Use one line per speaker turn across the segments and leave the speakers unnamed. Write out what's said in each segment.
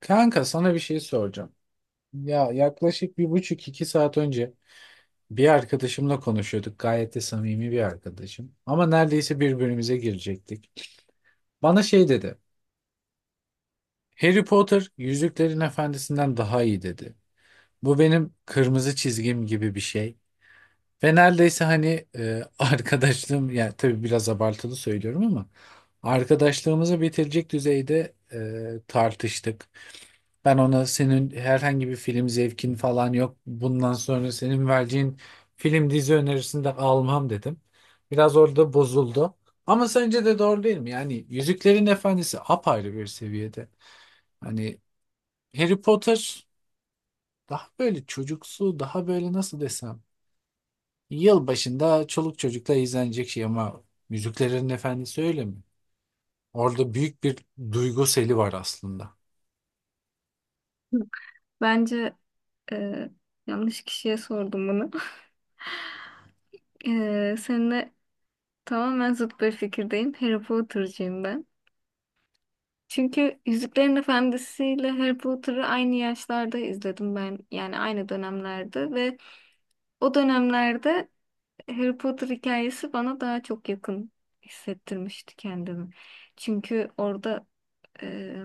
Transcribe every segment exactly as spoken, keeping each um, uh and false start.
Kanka sana bir şey soracağım. Ya yaklaşık bir buçuk iki saat önce bir arkadaşımla konuşuyorduk. Gayet de samimi bir arkadaşım. Ama neredeyse birbirimize girecektik. Bana şey dedi. Harry Potter Yüzüklerin Efendisi'nden daha iyi dedi. Bu benim kırmızı çizgim gibi bir şey. Ve neredeyse hani e, arkadaşlığım yani tabii biraz abartılı söylüyorum ama arkadaşlığımızı bitirecek düzeyde e, tartıştık. Ben ona senin herhangi bir film zevkin falan yok. Bundan sonra senin vereceğin film dizi önerisini de almam dedim. Biraz orada bozuldu. Ama sence de doğru değil mi? Yani Yüzüklerin Efendisi apayrı bir seviyede. Hani Harry Potter daha böyle çocuksu, daha böyle nasıl desem. Yılbaşında çoluk çocukla izlenecek şey ama Yüzüklerin Efendisi öyle mi? Orada büyük bir duygu seli var aslında.
Bence e, yanlış kişiye sordum bunu. E, seninle tamamen zıt bir fikirdeyim. Harry Potter'cıyım ben. Çünkü Yüzüklerin Efendisi ile Harry Potter'ı aynı yaşlarda izledim ben. Yani aynı dönemlerde ve o dönemlerde Harry Potter hikayesi bana daha çok yakın hissettirmişti kendimi. Çünkü orada e,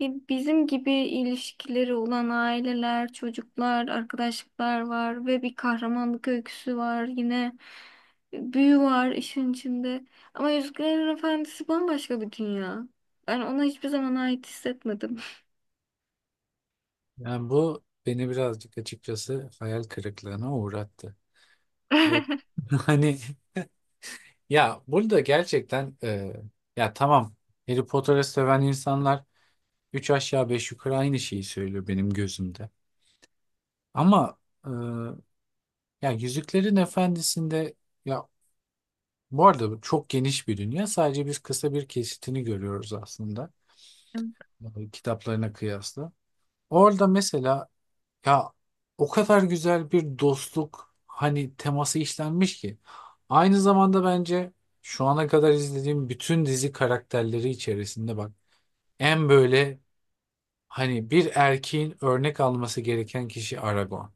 Bi- bizim gibi ilişkileri olan aileler, çocuklar, arkadaşlıklar var ve bir kahramanlık öyküsü var. Yine e, büyü var işin içinde. Ama Yüzüklerin Efendisi bambaşka bir dünya. Ben ona hiçbir zaman ait hissetmedim.
Yani bu beni birazcık açıkçası hayal kırıklığına uğrattı. Bu, hani ya burada gerçekten e, ya tamam Harry Potter'ı seven insanlar üç aşağı beş yukarı aynı şeyi söylüyor benim gözümde. Ama e, ya Yüzüklerin Efendisi'nde ya bu arada bu çok geniş bir dünya. Sadece biz kısa bir kesitini görüyoruz aslında e, kitaplarına kıyasla. Orada mesela ya o kadar güzel bir dostluk hani teması işlenmiş ki. Aynı zamanda bence şu ana kadar izlediğim bütün dizi karakterleri içerisinde bak en böyle hani bir erkeğin örnek alması gereken kişi Aragorn.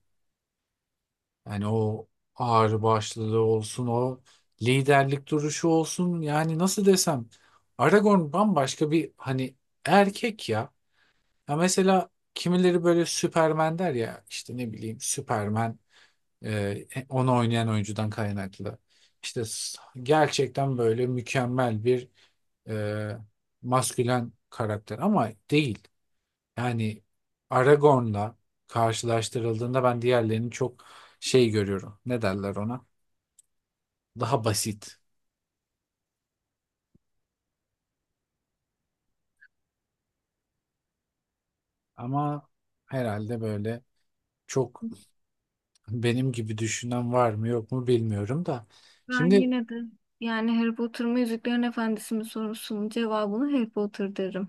Yani o ağırbaşlılığı olsun, o liderlik duruşu olsun yani nasıl desem Aragorn bambaşka bir hani erkek ya. Ya mesela kimileri böyle Süpermen der ya işte ne bileyim Süpermen. Ee, onu oynayan oyuncudan kaynaklı. İşte s- gerçekten böyle mükemmel bir e, maskülen karakter ama değil. Yani Aragorn'la karşılaştırıldığında ben diğerlerini çok şey görüyorum. Ne derler ona? Daha basit. Ama herhalde böyle çok benim gibi düşünen var mı yok mu bilmiyorum da.
Ben
Şimdi
yine de yani Harry Potter mı Yüzüklerin Efendisi mi sorusunun cevabını Harry Potter derim.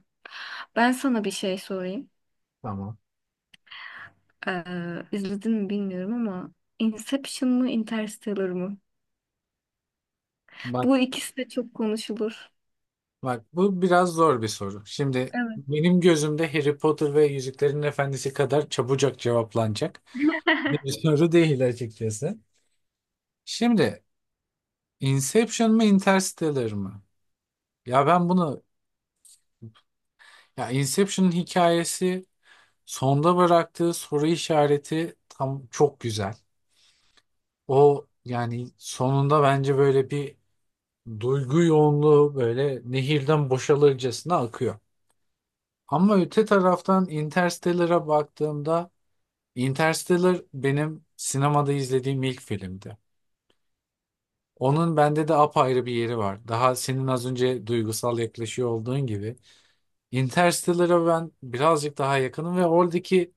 Ben sana bir şey sorayım.
tamam.
Ee, izledin mi bilmiyorum ama Inception mı Interstellar mı?
Bak
Bu ikisi de çok konuşulur.
Bak bu biraz zor bir soru. Şimdi
Evet.
benim gözümde Harry Potter ve Yüzüklerin Efendisi kadar çabucak cevaplanacak bir soru değil açıkçası. Şimdi Inception mı Interstellar mı? Ya ben bunu ya Inception'ın hikayesi sonda bıraktığı soru işareti tam çok güzel. O yani sonunda bence böyle bir duygu yoğunluğu böyle nehirden boşalırcasına akıyor. Ama öte taraftan Interstellar'a baktığımda Interstellar benim sinemada izlediğim ilk filmdi. Onun bende de apayrı bir yeri var. Daha senin az önce duygusal yaklaşıyor olduğun gibi. Interstellar'a ben birazcık daha yakınım ve oradaki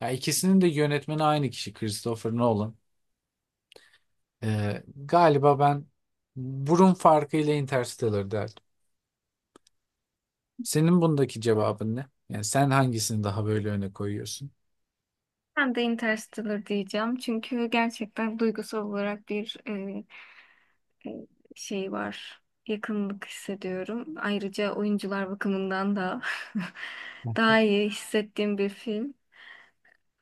ya ikisinin de yönetmeni aynı kişi Christopher Nolan. Ee, galiba ben burun farkıyla Interstellar derdim. Senin bundaki cevabın ne? Yani sen hangisini daha böyle öne koyuyorsun?
Ben de Interstellar diyeceğim. Çünkü gerçekten duygusal olarak bir e, e, şey var. Yakınlık hissediyorum. Ayrıca oyuncular bakımından da daha iyi hissettiğim bir film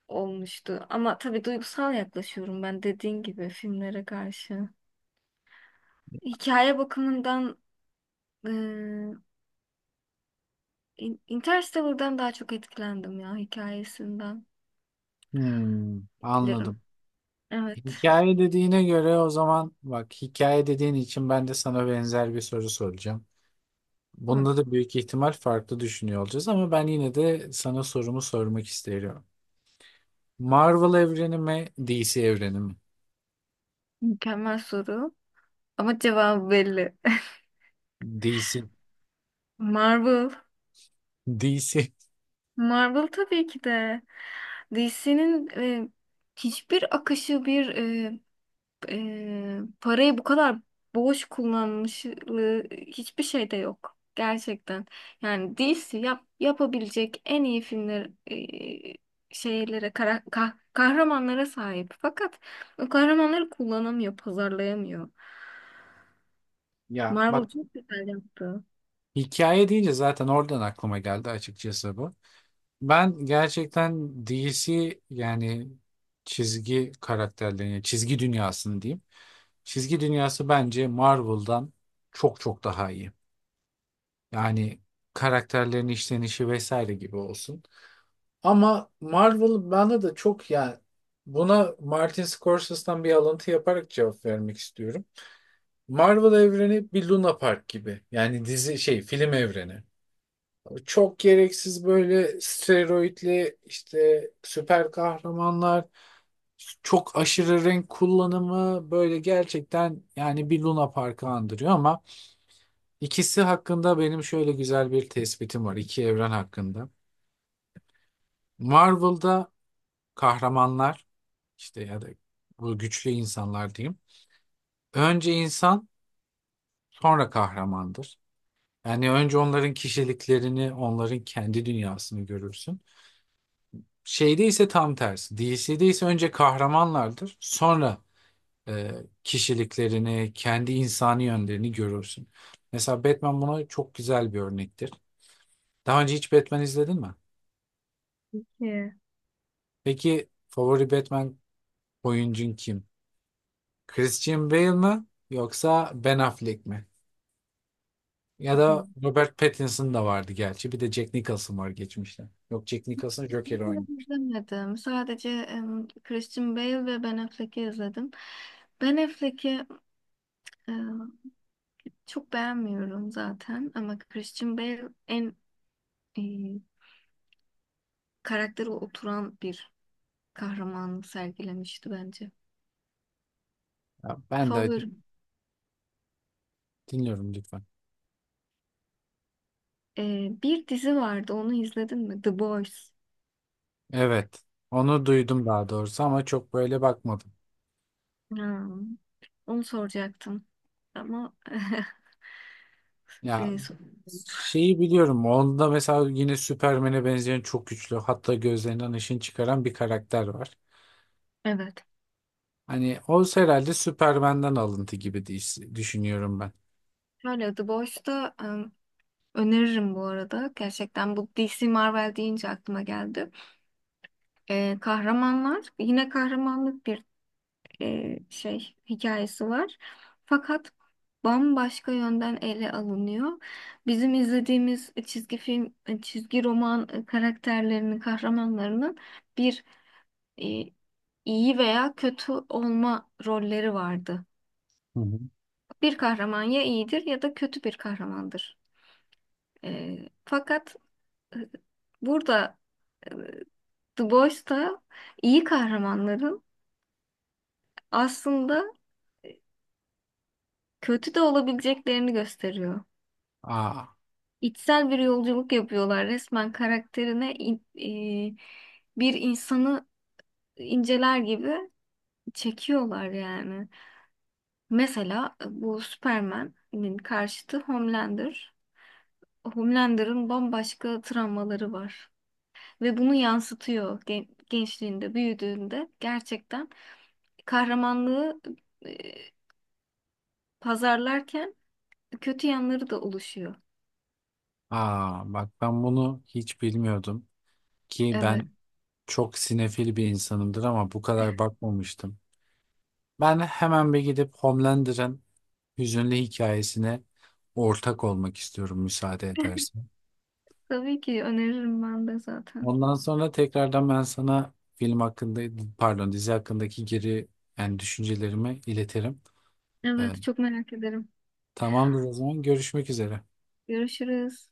olmuştu. Ama tabii duygusal yaklaşıyorum ben dediğin gibi filmlere karşı. Hikaye bakımından e, In- Interstellar'dan daha çok etkilendim ya hikayesinden
Hmm,
bilirim.
anladım.
Evet.
Hikaye dediğine göre o zaman bak hikaye dediğin için ben de sana benzer bir soru soracağım.
Hı.
Bunda da büyük ihtimal farklı düşünüyor olacağız ama ben yine de sana sorumu sormak isterim. Marvel evreni mi, D C evreni mi?
Mükemmel soru. Ama cevabı belli.
D C.
Marvel.
D C.
Marvel tabii ki de. D C'nin hiçbir akışı bir e, e, parayı bu kadar boş kullanmışlığı hiçbir şeyde yok. Gerçekten. Yani D C yap, yapabilecek en iyi filmler e, şeylere, kara- kah- kahramanlara sahip. Fakat o kahramanları kullanamıyor, pazarlayamıyor.
Ya
Marvel
bak
çok güzel yaptı.
hikaye deyince zaten oradan aklıma geldi açıkçası bu. Ben gerçekten D C, yani çizgi karakterlerini, çizgi dünyasını diyeyim. Çizgi dünyası bence Marvel'dan çok çok daha iyi. Yani karakterlerin işlenişi vesaire gibi olsun. Ama Marvel bana da çok yani buna Martin Scorsese'den bir alıntı yaparak cevap vermek istiyorum. Marvel evreni bir Luna Park gibi. Yani dizi şey film evreni. Çok gereksiz böyle steroidli işte süper kahramanlar, çok aşırı renk kullanımı böyle gerçekten yani bir Luna Park'ı andırıyor ama ikisi hakkında benim şöyle güzel bir tespitim var iki evren hakkında. Marvel'da kahramanlar işte ya da bu güçlü insanlar diyeyim. Önce insan sonra kahramandır. Yani önce onların kişiliklerini, onların kendi dünyasını görürsün. Şeyde ise tam tersi. D C'de ise önce kahramanlardır. Sonra e, kişiliklerini, kendi insani yönlerini görürsün. Mesela Batman buna çok güzel bir örnektir. Daha önce hiç Batman izledin mi?
Yeah.
Peki favori Batman oyuncun kim? Christian Bale mi yoksa Ben Affleck mi? Ya da Robert Pattinson da vardı gerçi. Bir de Jack Nicholson var geçmişte. Yok, Jack Nicholson Joker oynuyor.
İzlemedim. Sadece em, Christian Bale ve Ben Affleck'i izledim. Ben Affleck'i e, çok beğenmiyorum zaten ama Christian Bale en e, karakteri oturan bir kahramanı sergilemişti bence.
Ya ben de
Favorim.
dinliyorum lütfen.
E, bir dizi vardı onu izledin mi? The Boys.
Evet. Onu duydum daha doğrusu ama çok böyle bakmadım.
Ha, onu soracaktım. Ama
Ya
e, so-
şeyi biliyorum. Onda mesela yine Superman'e benzeyen çok güçlü. Hatta gözlerinden ışın çıkaran bir karakter var.
evet.
Hani o herhalde Superman'den alıntı gibi diş- düşünüyorum ben.
Şöyle The Boys'ta öneririm bu arada. Gerçekten bu D C Marvel deyince aklıma geldi. Ee, kahramanlar yine kahramanlık bir e, şey hikayesi var. Fakat bambaşka yönden ele alınıyor. Bizim izlediğimiz çizgi film, e, çizgi roman e, karakterlerinin, kahramanlarının bir e, iyi veya kötü olma rolleri vardı.
Hı hı.
Bir kahraman ya iyidir ya da kötü bir kahramandır. Ee, fakat e, burada The Boys'ta iyi kahramanların aslında kötü de olabileceklerini gösteriyor.
Aa,
İçsel bir yolculuk yapıyorlar resmen karakterine in- e, bir insanı inceler gibi çekiyorlar yani. Mesela bu Superman'in karşıtı Homelander. Homelander'ın bambaşka travmaları var ve bunu yansıtıyor gen- gençliğinde, büyüdüğünde gerçekten kahramanlığı e, pazarlarken kötü yanları da oluşuyor.
aa bak ben bunu hiç bilmiyordum ki
Evet.
ben çok sinefil bir insanımdır ama bu kadar bakmamıştım. Ben hemen bir gidip Homelander'ın hüzünlü hikayesine ortak olmak istiyorum müsaade edersen.
Tabii ki öneririm ben de zaten.
Ondan sonra tekrardan ben sana film hakkında, pardon dizi hakkındaki geri yani düşüncelerimi iletirim. Ee,
Evet, çok merak ederim.
Tamamdır o zaman, görüşmek üzere.
Görüşürüz.